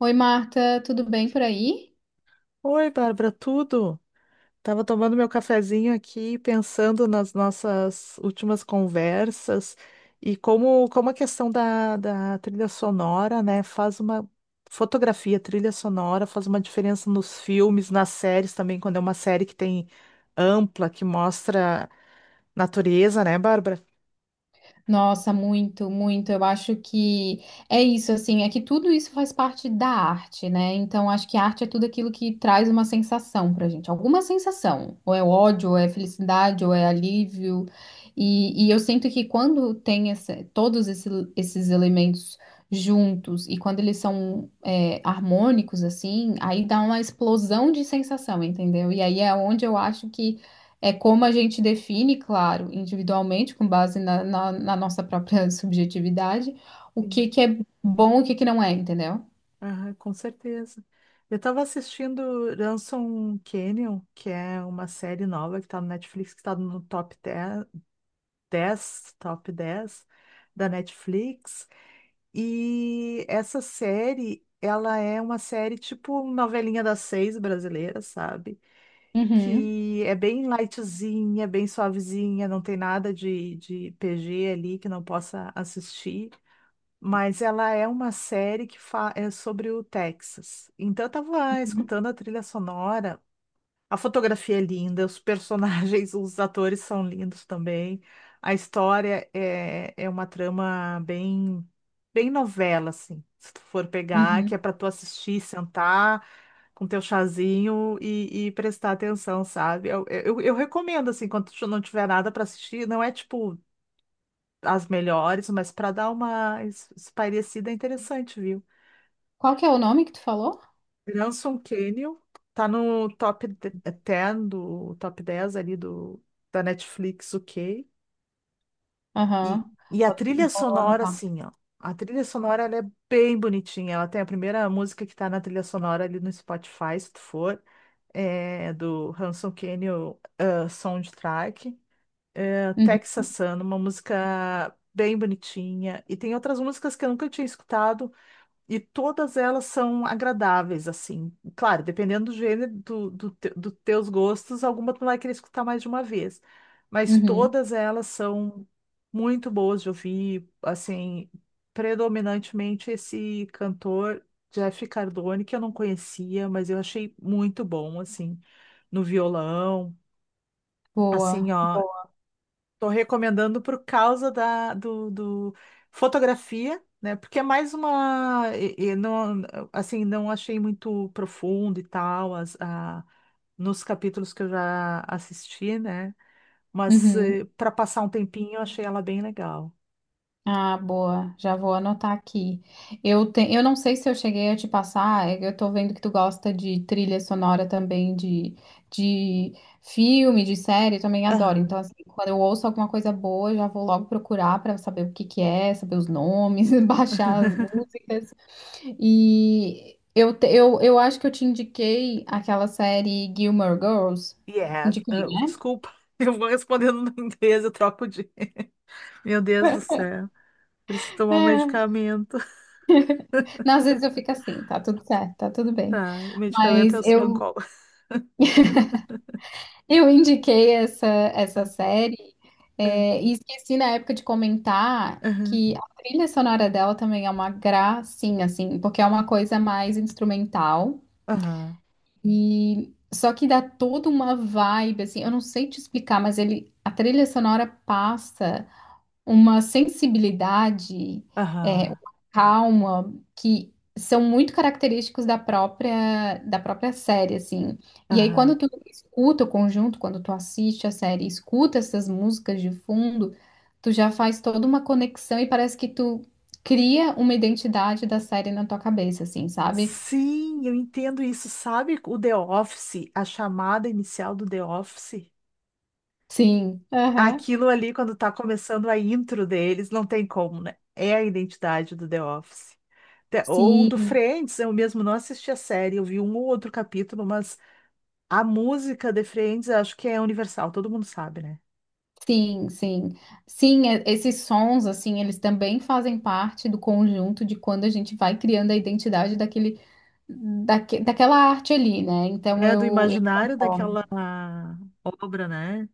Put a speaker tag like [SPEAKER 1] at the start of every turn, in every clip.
[SPEAKER 1] Oi, Marta, tudo bem por aí?
[SPEAKER 2] Oi, Bárbara, tudo? Tava tomando meu cafezinho aqui, pensando nas nossas últimas conversas e como a questão da trilha sonora, né, faz uma fotografia, trilha sonora, faz uma diferença nos filmes, nas séries também, quando é uma série que tem ampla, que mostra natureza, né, Bárbara?
[SPEAKER 1] Nossa, muito, muito. Eu acho que é isso, assim, é que tudo isso faz parte da arte, né? Então, acho que a arte é tudo aquilo que traz uma sensação pra gente, alguma sensação. Ou é ódio, ou é felicidade, ou é alívio. E eu sinto que quando tem esses elementos juntos e quando eles são harmônicos, assim, aí dá uma explosão de sensação, entendeu? E aí é onde eu acho que é como a gente define, claro, individualmente, com base na nossa própria subjetividade, o
[SPEAKER 2] Sim.
[SPEAKER 1] que que é bom e o que que não é, entendeu?
[SPEAKER 2] Aham, com certeza. Eu estava assistindo Ransom Canyon, que é uma série nova que está no Netflix, que está no top dez da Netflix. E essa série, ela é uma série tipo novelinha das seis brasileira, sabe?
[SPEAKER 1] Uhum,
[SPEAKER 2] Que é bem lightzinha, bem suavezinha, não tem nada de PG ali que não possa assistir. Mas ela é uma série é sobre o Texas. Então eu tava
[SPEAKER 1] uhum,
[SPEAKER 2] escutando a trilha sonora. A fotografia é linda, os personagens, os atores são lindos também. A história é uma trama bem, bem novela, assim. Se tu for pegar, que é
[SPEAKER 1] uhum.
[SPEAKER 2] para tu assistir, sentar com teu chazinho e prestar atenção, sabe? Eu recomendo, assim, quando tu não tiver nada para assistir, não é tipo as melhores, mas para dar uma espairecida é interessante, viu?
[SPEAKER 1] Qual que é o nome que tu falou?
[SPEAKER 2] Branson Canyon tá no top de- 10 do top 10 ali do da Netflix, ok?
[SPEAKER 1] Aham.
[SPEAKER 2] E, e a trilha
[SPEAKER 1] Vou
[SPEAKER 2] sonora,
[SPEAKER 1] anotar.
[SPEAKER 2] assim, ó. A trilha sonora ela é bem bonitinha. Ela tem a primeira música que tá na trilha sonora ali no Spotify, se tu for, é do Ransom Canyon Soundtrack. É,
[SPEAKER 1] Uhum,
[SPEAKER 2] Texas Sun, uma música bem bonitinha. E tem outras músicas que eu nunca tinha escutado. E todas elas são agradáveis, assim. Claro, dependendo do gênero, do teus gostos, alguma tu vai querer escutar mais de uma vez. Mas
[SPEAKER 1] uhum.
[SPEAKER 2] todas elas são muito boas de ouvir, assim, predominantemente esse cantor Jeff Cardone, que eu não conhecia, mas eu achei muito bom, assim, no violão. Assim,
[SPEAKER 1] Boa,
[SPEAKER 2] ó.
[SPEAKER 1] boa.
[SPEAKER 2] Estou recomendando por causa da fotografia, né? Porque é mais uma e não assim não achei muito profundo e tal nos capítulos que eu já assisti, né? Mas
[SPEAKER 1] Uhum.
[SPEAKER 2] para passar um tempinho eu achei ela bem legal.
[SPEAKER 1] Ah, boa. Já vou anotar aqui. Eu não sei se eu cheguei a te passar, é que eu tô vendo que tu gosta de trilha sonora também, de filme, de série, eu também adoro.
[SPEAKER 2] Aham.
[SPEAKER 1] Então, assim, quando eu ouço alguma coisa boa, eu já vou logo procurar pra saber o que que é, saber os nomes, baixar as músicas. Eu acho que eu te indiquei aquela série Gilmore Girls.
[SPEAKER 2] Yes.
[SPEAKER 1] Indiquei,
[SPEAKER 2] Ah,
[SPEAKER 1] né?
[SPEAKER 2] desculpa, eu vou respondendo no inglês, eu troco de. Meu Deus do céu, preciso tomar um
[SPEAKER 1] É.
[SPEAKER 2] medicamento.
[SPEAKER 1] Não, às vezes eu fico assim, tá tudo certo, tá tudo bem.
[SPEAKER 2] Tá, o
[SPEAKER 1] Mas
[SPEAKER 2] medicamento é o
[SPEAKER 1] eu
[SPEAKER 2] Simancol.
[SPEAKER 1] Eu indiquei essa série,
[SPEAKER 2] É.
[SPEAKER 1] e esqueci na época de comentar
[SPEAKER 2] Aham.
[SPEAKER 1] que a trilha sonora dela também é uma gracinha, assim, porque é uma coisa mais instrumental.
[SPEAKER 2] Aham.
[SPEAKER 1] E só que dá toda uma vibe, assim, eu não sei te explicar, mas ele, a trilha sonora passa uma sensibilidade, uma
[SPEAKER 2] Aham.
[SPEAKER 1] calma que são muito característicos da própria série, assim. E aí quando
[SPEAKER 2] Aham.
[SPEAKER 1] tu escuta o conjunto, quando tu assiste a série, e escuta essas músicas de fundo, tu já faz toda uma conexão e parece que tu cria uma identidade da série na tua cabeça, assim, sabe?
[SPEAKER 2] Sim, eu entendo isso. Sabe o The Office, a chamada inicial do The Office?
[SPEAKER 1] Sim, aham,
[SPEAKER 2] Aquilo ali, quando tá começando a intro deles, não tem como, né? É a identidade do The Office. Ou do
[SPEAKER 1] sim.
[SPEAKER 2] Friends, eu mesmo não assisti a série, eu vi um ou outro capítulo, mas a música de Friends eu acho que é universal, todo mundo sabe, né?
[SPEAKER 1] Sim, sim. Sim, esses sons, assim, eles também fazem parte do conjunto de quando a gente vai criando a identidade daquela arte ali, né? Então
[SPEAKER 2] É do
[SPEAKER 1] eu
[SPEAKER 2] imaginário
[SPEAKER 1] concordo.
[SPEAKER 2] daquela obra, né?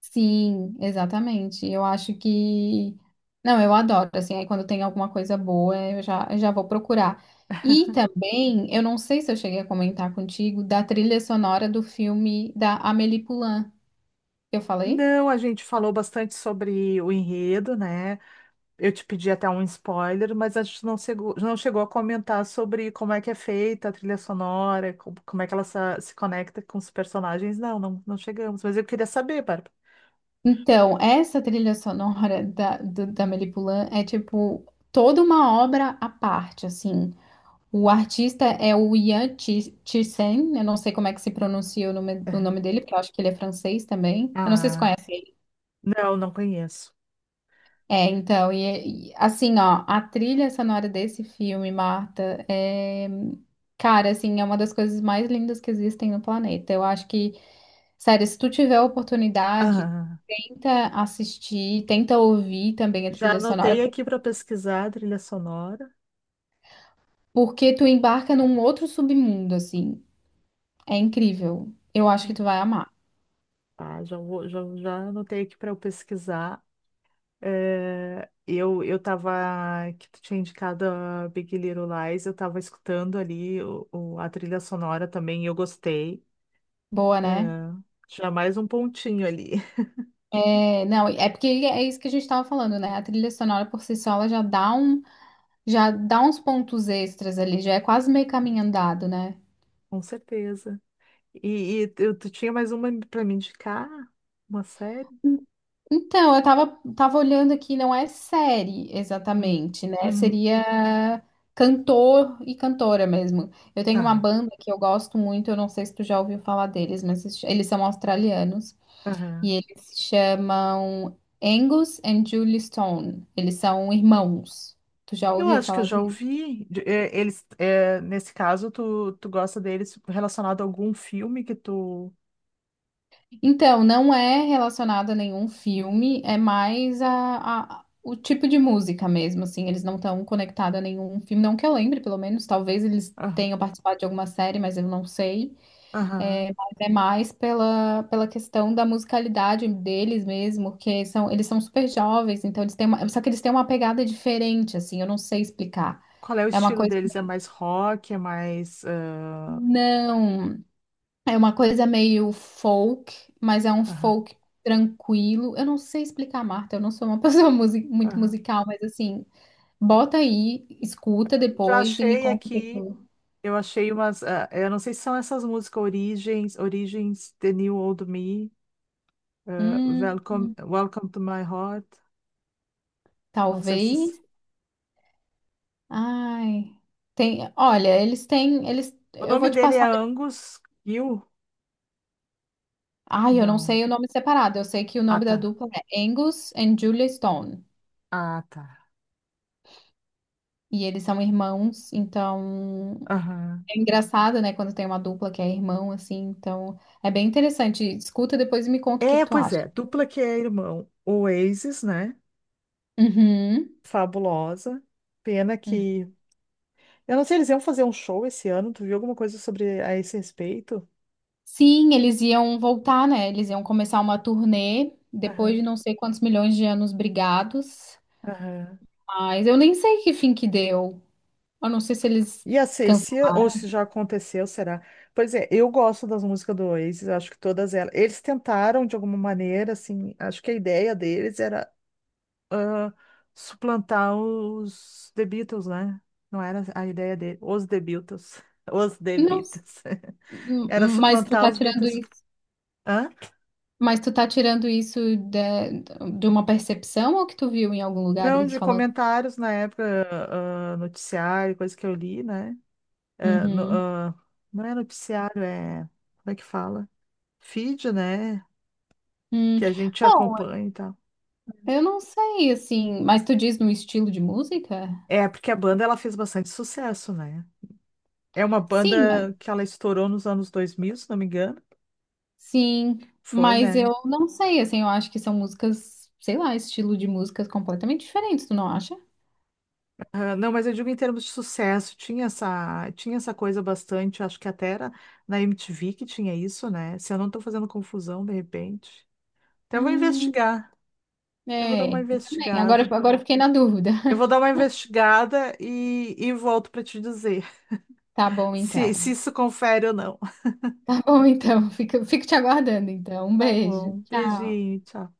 [SPEAKER 1] Sim, exatamente. Eu acho que não, eu adoro, assim, aí quando tem alguma coisa boa, eu já vou procurar. E também, eu não sei se eu cheguei a comentar contigo, da trilha sonora do filme da Amélie Poulain. Eu falei?
[SPEAKER 2] Não, a gente falou bastante sobre o enredo, né? Eu te pedi até um spoiler, mas a gente não chegou a comentar sobre como é que é feita a trilha sonora, como é que ela se conecta com os personagens. Não, não, não chegamos. Mas eu queria saber, Bárbara.
[SPEAKER 1] Então, essa trilha sonora da Melipulã é tipo toda uma obra à parte, assim. O artista é o Ian Tirsen, eu não sei como é que se pronuncia o nome dele, porque eu acho que ele é francês também. Eu não sei se
[SPEAKER 2] Ah,
[SPEAKER 1] conhece ele.
[SPEAKER 2] não, não conheço.
[SPEAKER 1] É, então, assim, ó, a trilha sonora desse filme, Marta, é, cara, assim, é uma das coisas mais lindas que existem no planeta. Eu acho que sério, se tu tiver a oportunidade,
[SPEAKER 2] Ah,
[SPEAKER 1] tenta assistir, tenta ouvir também a
[SPEAKER 2] já
[SPEAKER 1] trilha sonora,
[SPEAKER 2] anotei aqui para pesquisar a trilha sonora.
[SPEAKER 1] porque tu embarca num outro submundo, assim. É incrível. Eu acho que tu vai amar.
[SPEAKER 2] Tá, já vou, já anotei aqui para eu pesquisar. É, eu tava, que tu tinha indicado a Big Little Lies, eu tava escutando ali a trilha sonora também, e eu gostei.
[SPEAKER 1] Boa,
[SPEAKER 2] É,
[SPEAKER 1] né?
[SPEAKER 2] já mais um pontinho ali,
[SPEAKER 1] É, não, é porque é isso que a gente tava falando, né? A trilha sonora por si só, ela já dá um, já dá uns pontos extras ali, já é quase meio caminho andado, né?
[SPEAKER 2] com certeza. E tu, tinha mais uma pra me indicar? Uma série?
[SPEAKER 1] Então, tava olhando aqui, não é série
[SPEAKER 2] Hum.
[SPEAKER 1] exatamente, né?
[SPEAKER 2] Uhum.
[SPEAKER 1] Seria cantor e cantora mesmo. Eu tenho uma
[SPEAKER 2] Tá.
[SPEAKER 1] banda que eu gosto muito, eu não sei se tu já ouviu falar deles, mas se eles são australianos e
[SPEAKER 2] Aham.
[SPEAKER 1] eles se chamam Angus and Julie Stone. Eles são irmãos. Tu já
[SPEAKER 2] Eu
[SPEAKER 1] ouviu
[SPEAKER 2] acho que eu
[SPEAKER 1] falar?
[SPEAKER 2] já ouvi. É, eles, é, nesse caso, tu gosta deles relacionado a algum filme que tu.
[SPEAKER 1] Então, não é relacionado a nenhum filme, é mais o tipo de música mesmo, assim, eles não estão conectados a nenhum filme, não que eu lembre, pelo menos, talvez eles
[SPEAKER 2] Ah,
[SPEAKER 1] tenham participado de alguma série, mas eu não sei,
[SPEAKER 2] aham.
[SPEAKER 1] é, mas é mais pela questão da musicalidade deles mesmo, porque são, eles são super jovens, então eles têm uma, só que eles têm uma pegada diferente, assim, eu não sei explicar,
[SPEAKER 2] Qual é o
[SPEAKER 1] é uma
[SPEAKER 2] estilo
[SPEAKER 1] coisa,
[SPEAKER 2] deles? É mais rock? É mais. Ah,
[SPEAKER 1] não, é uma coisa meio folk, mas é um
[SPEAKER 2] aham.
[SPEAKER 1] folk tranquilo. Eu não sei explicar, Marta, eu não sou uma pessoa muito
[SPEAKER 2] Aham.
[SPEAKER 1] musical, mas assim, bota aí, escuta
[SPEAKER 2] Já
[SPEAKER 1] depois e me
[SPEAKER 2] achei
[SPEAKER 1] conta o que que
[SPEAKER 2] aqui.
[SPEAKER 1] tu-
[SPEAKER 2] Eu achei umas. Ah, eu não sei se são essas músicas Origens, Origens, The New Old Me.
[SPEAKER 1] Hum,
[SPEAKER 2] Welcome, Welcome to My Heart. Não sei se.
[SPEAKER 1] talvez. Ai, tem, olha, eles têm, eles,
[SPEAKER 2] O
[SPEAKER 1] eu
[SPEAKER 2] nome
[SPEAKER 1] vou te
[SPEAKER 2] dele é Angus Gill?
[SPEAKER 1] Ai, eu não
[SPEAKER 2] Não.
[SPEAKER 1] sei o nome separado. Eu sei que o
[SPEAKER 2] Ah,
[SPEAKER 1] nome da
[SPEAKER 2] tá.
[SPEAKER 1] dupla é Angus and Julia Stone.
[SPEAKER 2] Ah, tá.
[SPEAKER 1] E eles são irmãos, então.
[SPEAKER 2] Aham.
[SPEAKER 1] É engraçado, né, quando tem uma dupla que é irmão, assim, então é bem interessante. Escuta depois e me conta o que
[SPEAKER 2] É,
[SPEAKER 1] que tu
[SPEAKER 2] pois
[SPEAKER 1] acha.
[SPEAKER 2] é. Dupla que é irmão. Oasis, né?
[SPEAKER 1] Uhum.
[SPEAKER 2] Fabulosa. Pena
[SPEAKER 1] Uhum.
[SPEAKER 2] que. Eu não sei, eles iam fazer um show esse ano. Tu viu alguma coisa sobre a esse respeito?
[SPEAKER 1] Sim, eles iam voltar, né? Eles iam começar uma turnê depois de
[SPEAKER 2] Aham,
[SPEAKER 1] não sei quantos milhões de anos brigados.
[SPEAKER 2] aham.
[SPEAKER 1] Mas eu nem sei que fim que deu. Eu não sei se eles
[SPEAKER 2] E a
[SPEAKER 1] cansaram.
[SPEAKER 2] Cecília, ou se já aconteceu, será? Pois é, eu gosto das músicas do Oasis, acho que todas elas. Eles tentaram, de alguma maneira, assim, acho que a ideia deles era ah, suplantar os The Beatles, né? Não era a ideia dele. Os The Beatles. Os The
[SPEAKER 1] Não, s-
[SPEAKER 2] Beatles.
[SPEAKER 1] m-
[SPEAKER 2] Era
[SPEAKER 1] mas tu
[SPEAKER 2] suplantar
[SPEAKER 1] tá
[SPEAKER 2] os
[SPEAKER 1] tirando
[SPEAKER 2] Beatles.
[SPEAKER 1] isso.
[SPEAKER 2] Hã?
[SPEAKER 1] Mas tu tá tirando isso de uma percepção ou que tu viu em algum lugar
[SPEAKER 2] Não,
[SPEAKER 1] eles
[SPEAKER 2] de
[SPEAKER 1] falando?
[SPEAKER 2] comentários na época, noticiário, coisa que eu li, né? Ah,
[SPEAKER 1] Uhum.
[SPEAKER 2] não é noticiário, é. Como é que fala? Feed, né?
[SPEAKER 1] Hum.
[SPEAKER 2] Que a gente
[SPEAKER 1] Bom,
[SPEAKER 2] acompanha e tal.
[SPEAKER 1] eu não sei, assim, mas tu diz no estilo de música?
[SPEAKER 2] É, porque a banda ela fez bastante sucesso, né? É uma
[SPEAKER 1] Sim, mas,
[SPEAKER 2] banda que ela estourou nos anos 2000, se não me engano.
[SPEAKER 1] sim,
[SPEAKER 2] Foi,
[SPEAKER 1] mas
[SPEAKER 2] né?
[SPEAKER 1] eu não sei, assim, eu acho que são músicas, sei lá, estilo de músicas completamente diferentes, tu não acha?
[SPEAKER 2] Ah, não, mas eu digo em termos de sucesso, tinha essa coisa bastante, acho que até era na MTV que tinha isso, né? Se eu não tô fazendo confusão, de repente. Até vou
[SPEAKER 1] Hum,
[SPEAKER 2] investigar, eu vou dar
[SPEAKER 1] é,
[SPEAKER 2] uma
[SPEAKER 1] eu também.
[SPEAKER 2] investigada.
[SPEAKER 1] Agora eu fiquei na dúvida.
[SPEAKER 2] Eu vou dar uma investigada e volto pra te dizer
[SPEAKER 1] Tá bom,
[SPEAKER 2] se
[SPEAKER 1] então.
[SPEAKER 2] isso confere ou não.
[SPEAKER 1] Tá bom, então. Fico te aguardando, então. Um
[SPEAKER 2] Tá
[SPEAKER 1] beijo.
[SPEAKER 2] bom,
[SPEAKER 1] Tchau.
[SPEAKER 2] beijinho, tchau.